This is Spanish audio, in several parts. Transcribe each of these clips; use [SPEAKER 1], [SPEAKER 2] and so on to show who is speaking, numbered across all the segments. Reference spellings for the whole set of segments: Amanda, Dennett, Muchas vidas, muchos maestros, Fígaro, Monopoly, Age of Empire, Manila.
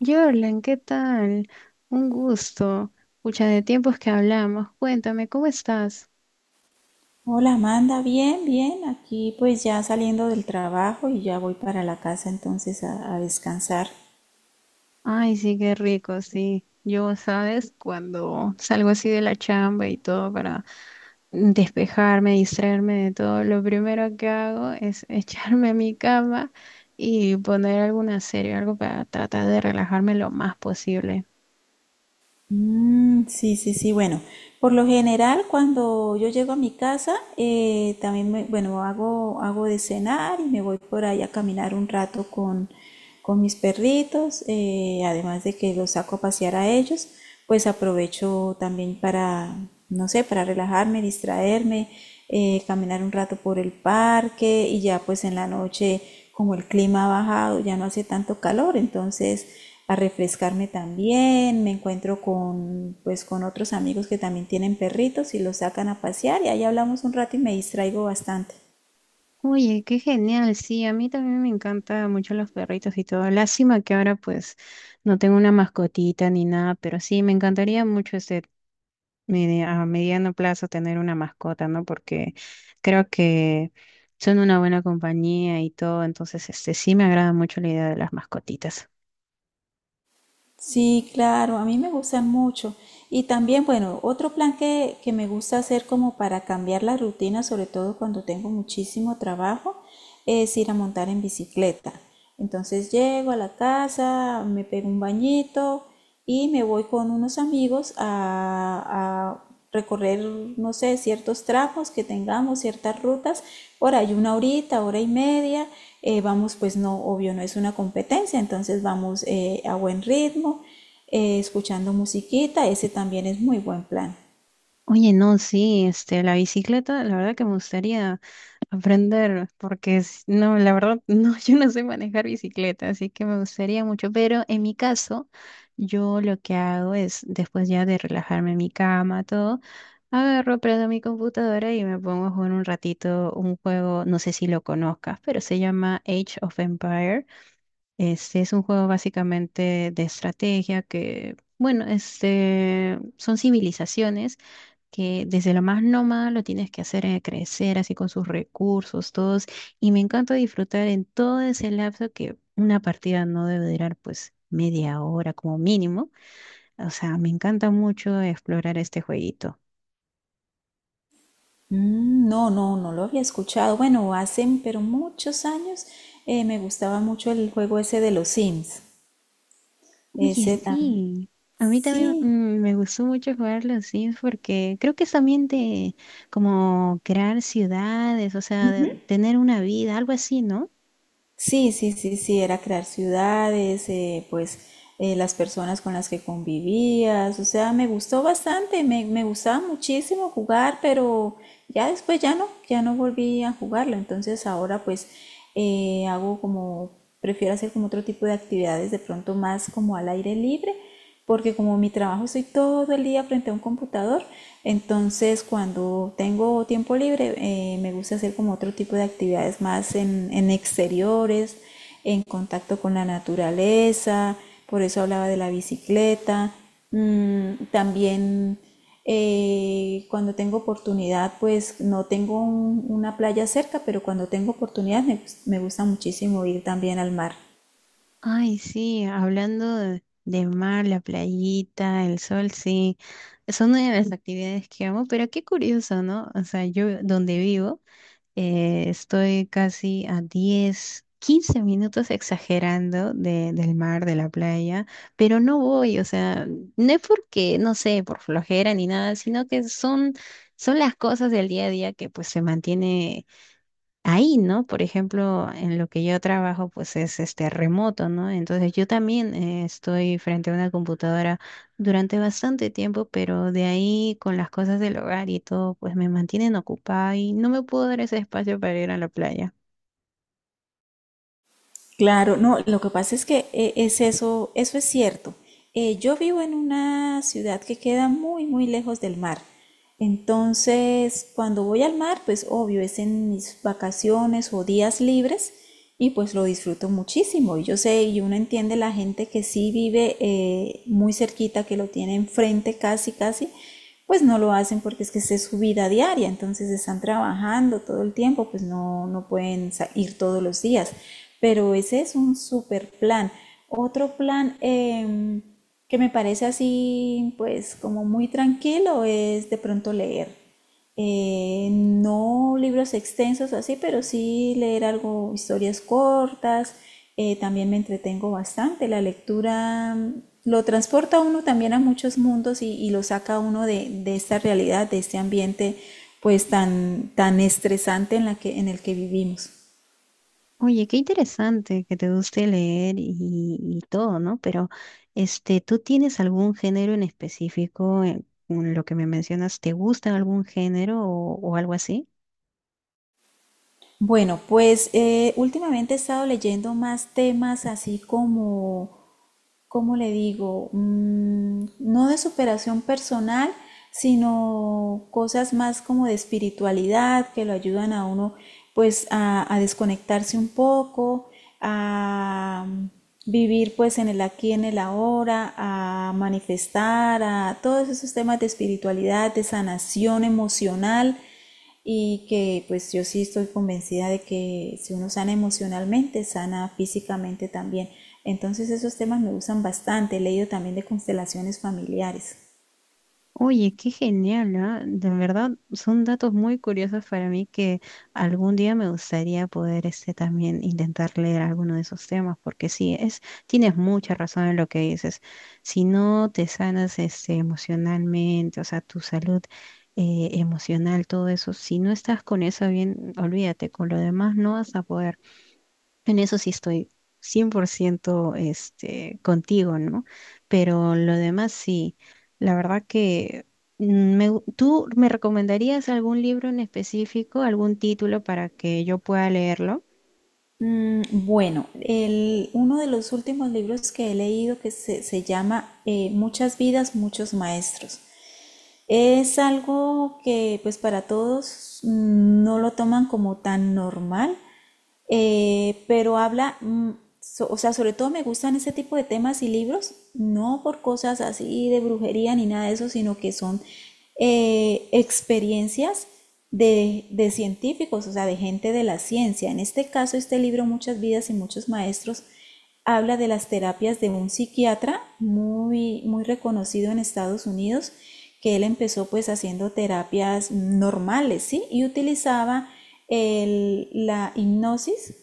[SPEAKER 1] Jorlan, ¿qué tal? Un gusto. Pucha, de tiempos que hablamos. Cuéntame, ¿cómo estás?
[SPEAKER 2] Hola Amanda, bien, bien. Aquí pues ya saliendo del trabajo y ya voy para la casa entonces a descansar.
[SPEAKER 1] Ay, sí, qué rico, sí. Yo, ¿sabes? Cuando salgo así de la chamba y todo para despejarme, distraerme de todo, lo primero que hago es echarme a mi cama y poner alguna serie, algo para tratar de relajarme lo más posible.
[SPEAKER 2] Mm, sí, sí, sí. Bueno, por lo general cuando yo llego a mi casa, también bueno, hago de cenar y me voy por ahí a caminar un rato con mis perritos, además de que los saco a pasear a ellos, pues aprovecho también para, no sé, para relajarme, distraerme, caminar un rato por el parque y ya pues en la noche como el clima ha bajado, ya no hace tanto calor, entonces a refrescarme también, me encuentro con pues con otros amigos que también tienen perritos y los sacan a pasear y ahí hablamos un rato y me distraigo bastante.
[SPEAKER 1] Oye, qué genial, sí, a mí también me encantan mucho los perritos y todo. Lástima que ahora pues no tengo una mascotita ni nada, pero sí, me encantaría mucho este a mediano plazo tener una mascota, ¿no? Porque creo que son una buena compañía y todo, entonces este sí me agrada mucho la idea de las mascotitas.
[SPEAKER 2] Sí, claro, a mí me gustan mucho. Y también, bueno, otro plan que me gusta hacer como para cambiar la rutina, sobre todo cuando tengo muchísimo trabajo, es ir a montar en bicicleta. Entonces llego a la casa, me pego un bañito y me voy con unos amigos a recorrer, no sé, ciertos tramos que tengamos, ciertas rutas, ahora hay una horita, hora y media, vamos, pues no, obvio, no es una competencia, entonces vamos a buen ritmo, escuchando musiquita, ese también es muy buen plan.
[SPEAKER 1] Oye, no, sí, este, la bicicleta, la verdad que me gustaría. Aprender, porque no, la verdad, no, yo no sé manejar bicicleta, así que me gustaría mucho, pero en mi caso, yo lo que hago es, después ya de relajarme en mi cama, todo, agarro, prendo mi computadora y me pongo a jugar un ratito un juego, no sé si lo conozcas, pero se llama Age of Empire. Este es un juego básicamente de estrategia que, bueno, este, son civilizaciones que desde lo más nómada lo tienes que hacer crecer así con sus recursos, todos. Y me encanta disfrutar en todo ese lapso que una partida no debe durar pues media hora como mínimo. O sea, me encanta mucho explorar este jueguito.
[SPEAKER 2] Mm, no, no, no lo había escuchado, bueno, hace, pero muchos años me gustaba mucho el juego ese de los Sims,
[SPEAKER 1] Oye,
[SPEAKER 2] ese
[SPEAKER 1] sí. A mí también
[SPEAKER 2] Sí,
[SPEAKER 1] me gustó mucho jugar los Sims porque creo que es también de como crear ciudades, o sea, de tener una vida, algo así, ¿no?
[SPEAKER 2] sí, sí, sí, sí, era crear ciudades, pues las personas con las que convivías, o sea, me gustó bastante, me gustaba muchísimo jugar, pero ya después ya no, ya no volví a jugarlo, entonces ahora pues eh, hago como, prefiero hacer como otro tipo de actividades de pronto más como al aire libre, porque como mi trabajo estoy todo el día frente a un computador, entonces cuando tengo tiempo libre me gusta hacer como otro tipo de actividades más en exteriores, en contacto con la naturaleza, por eso hablaba de la bicicleta. Mm, también cuando tengo oportunidad, pues no tengo una playa cerca, pero cuando tengo oportunidad me gusta muchísimo ir también al mar.
[SPEAKER 1] Ay, sí, hablando de mar, la playita, el sol, sí, son una de las actividades que amo, pero qué curioso, ¿no? O sea, yo donde vivo estoy casi a 10, 15 minutos exagerando de, del mar, de la playa, pero no voy, o sea, no es porque, no sé, por flojera ni nada, sino que son, son las cosas del día a día que pues se mantiene ahí, ¿no? Por ejemplo, en lo que yo trabajo, pues es este remoto, ¿no? Entonces yo también estoy frente a una computadora durante bastante tiempo, pero de ahí con las cosas del hogar y todo, pues me mantienen ocupada y no me puedo dar ese espacio para ir a la playa.
[SPEAKER 2] Claro, no, lo que pasa es que es eso, eso es cierto. Yo vivo en una ciudad que queda muy, muy lejos del mar. Entonces, cuando voy al mar, pues obvio, es en mis vacaciones o días libres y pues lo disfruto muchísimo. Y yo sé, y uno entiende la gente que sí vive muy cerquita, que lo tiene enfrente casi, casi, pues no lo hacen porque es que es su vida diaria, entonces están trabajando todo el tiempo, pues no, no pueden ir todos los días, pero ese es un super plan. Otro plan que me parece así, pues como muy tranquilo, es de pronto leer. No libros extensos así, pero sí leer algo, historias cortas. Eh, también me entretengo bastante. La lectura mm, lo transporta a uno también a muchos mundos y lo saca a uno de esta realidad, de este ambiente pues tan, tan estresante en la que, en el que vivimos.
[SPEAKER 1] Oye, qué interesante que te guste leer y todo, ¿no? Pero, este, ¿tú tienes algún género en específico en lo que me mencionas? ¿Te gusta algún género o algo así?
[SPEAKER 2] Bueno, pues últimamente he estado leyendo más temas así como ¿cómo le digo? Mm, no de superación personal, sino cosas más como de espiritualidad que lo ayudan a uno pues a desconectarse un poco, a vivir pues en el aquí, en el ahora, a manifestar, a todos esos temas de espiritualidad, de sanación emocional y que pues yo sí estoy convencida de que si uno sana emocionalmente, sana físicamente también. Entonces esos temas me gustan bastante, he leído también de constelaciones familiares.
[SPEAKER 1] Oye, qué genial, ¿ah? De verdad, son datos muy curiosos para mí que algún día me gustaría poder este, también intentar leer alguno de esos temas, porque sí, es, tienes mucha razón en lo que dices. Si no te sanas este, emocionalmente, o sea, tu salud emocional, todo eso, si no estás con eso bien, olvídate, con lo demás no vas a poder. En eso sí estoy 100% este, contigo, ¿no? Pero lo demás sí, la verdad que ¿tú me recomendarías algún libro en específico, algún título para que yo pueda leerlo?
[SPEAKER 2] Mm, bueno, el, uno de los últimos libros que he leído que se llama Muchas vidas, muchos maestros. Es algo que pues para todos mm, no lo toman como tan normal, pero habla, mm, o sea, sobre todo me gustan ese tipo de temas y libros, no por cosas así de brujería ni nada de eso, sino que son experiencias de científicos, o sea, de gente de la ciencia. En este caso, este libro, Muchas vidas y muchos maestros, habla de las terapias de un psiquiatra muy, muy reconocido en Estados Unidos, que él empezó pues haciendo terapias normales, ¿sí? Y utilizaba la hipnosis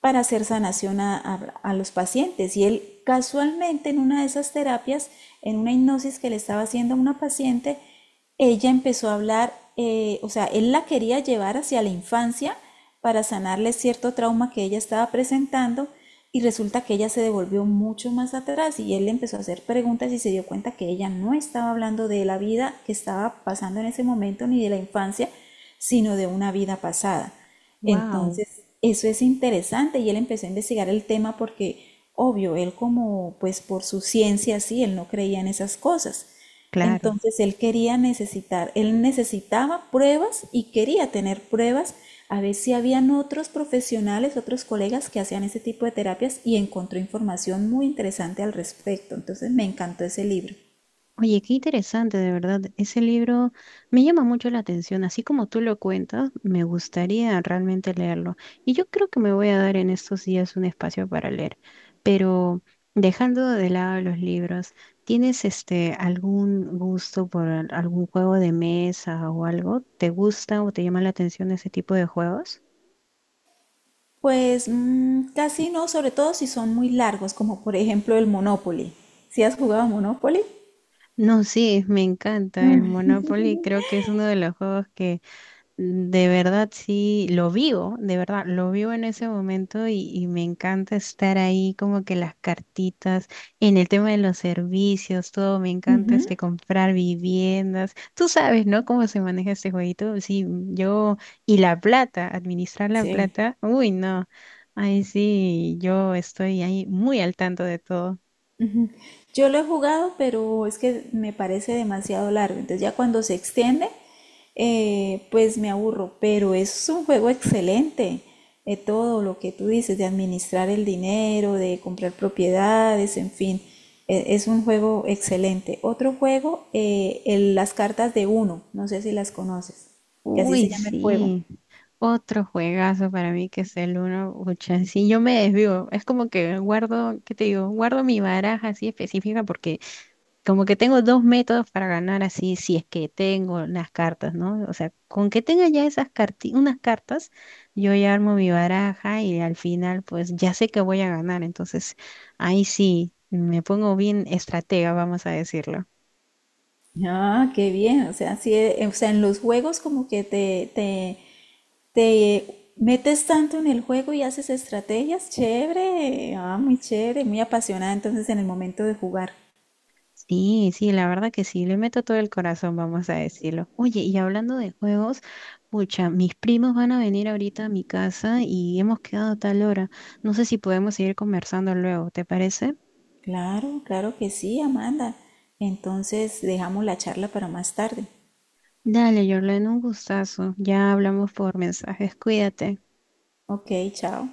[SPEAKER 2] para hacer sanación a los pacientes. Y él casualmente en una de esas terapias, en una hipnosis que le estaba haciendo a una paciente, ella empezó a hablar, o sea, él la quería llevar hacia la infancia para sanarle cierto trauma que ella estaba presentando y resulta que ella se devolvió mucho más atrás y él le empezó a hacer preguntas y se dio cuenta que ella no estaba hablando de la vida que estaba pasando en ese momento ni de la infancia, sino de una vida pasada.
[SPEAKER 1] Wow,
[SPEAKER 2] Entonces, eso es interesante y él empezó a investigar el tema porque, obvio, él como, pues por su ciencia, sí, él no creía en esas cosas.
[SPEAKER 1] claro.
[SPEAKER 2] Entonces, él quería necesitar, él necesitaba pruebas y quería tener pruebas a ver si habían otros profesionales, otros colegas que hacían ese tipo de terapias y encontró información muy interesante al respecto. Entonces, me encantó ese libro.
[SPEAKER 1] Oye, qué interesante, de verdad. Ese libro me llama mucho la atención. Así como tú lo cuentas, me gustaría realmente leerlo. Y yo creo que me voy a dar en estos días un espacio para leer. Pero dejando de lado los libros, ¿tienes este algún gusto por algún juego de mesa o algo? ¿Te gusta o te llama la atención ese tipo de juegos?
[SPEAKER 2] Pues mm, casi no, sobre todo si son muy largos, como por ejemplo el Monopoly. ¿Si has jugado a Monopoly?
[SPEAKER 1] No, sí, me encanta el Monopoly. Creo que es uno de los juegos. De verdad, sí, lo vivo, de verdad, lo vivo en ese momento y me encanta estar ahí como que las cartitas, en el tema de los servicios, todo, me encanta este comprar viviendas. Tú sabes, ¿no? Cómo se maneja este jueguito. Sí, yo, y la plata, administrar la
[SPEAKER 2] Sí.
[SPEAKER 1] plata, uy, no. Ahí sí, yo estoy ahí muy al tanto de todo.
[SPEAKER 2] Yo lo he jugado, pero es que me parece demasiado largo. Entonces ya cuando se extiende, pues me aburro. Pero es un juego excelente. De todo lo que tú dices, de administrar el dinero, de comprar propiedades, en fin. Es un juego excelente. Otro juego, las cartas de uno. No sé si las conoces. Que así se
[SPEAKER 1] Uy,
[SPEAKER 2] llama el juego.
[SPEAKER 1] sí. Otro juegazo para mí que es el uno. Ucha, sí, yo me desvío. Es como que guardo, ¿qué te digo? Guardo mi baraja así específica porque como que tengo dos métodos para ganar así, si es que tengo las cartas, ¿no? O sea, con que tenga ya esas unas cartas, yo ya armo mi baraja y al final pues ya sé que voy a ganar. Entonces, ahí sí, me pongo bien estratega, vamos a decirlo.
[SPEAKER 2] Ah, qué bien. O sea, sí, o sea, en los juegos como que te metes tanto en el juego y haces estrategias, chévere, ah, muy chévere, muy apasionada entonces en el momento de jugar.
[SPEAKER 1] Sí, sí, la verdad que sí, le meto todo el corazón, vamos a decirlo. Oye, y hablando de juegos, pucha, mis primos van a venir ahorita a mi casa y hemos quedado a tal hora. No sé si podemos seguir conversando luego, ¿te parece?
[SPEAKER 2] Claro, claro que sí, Amanda. Entonces dejamos la charla para más tarde.
[SPEAKER 1] Dale, Jorlen, un gustazo. Ya hablamos por mensajes, cuídate.
[SPEAKER 2] Ok, chao.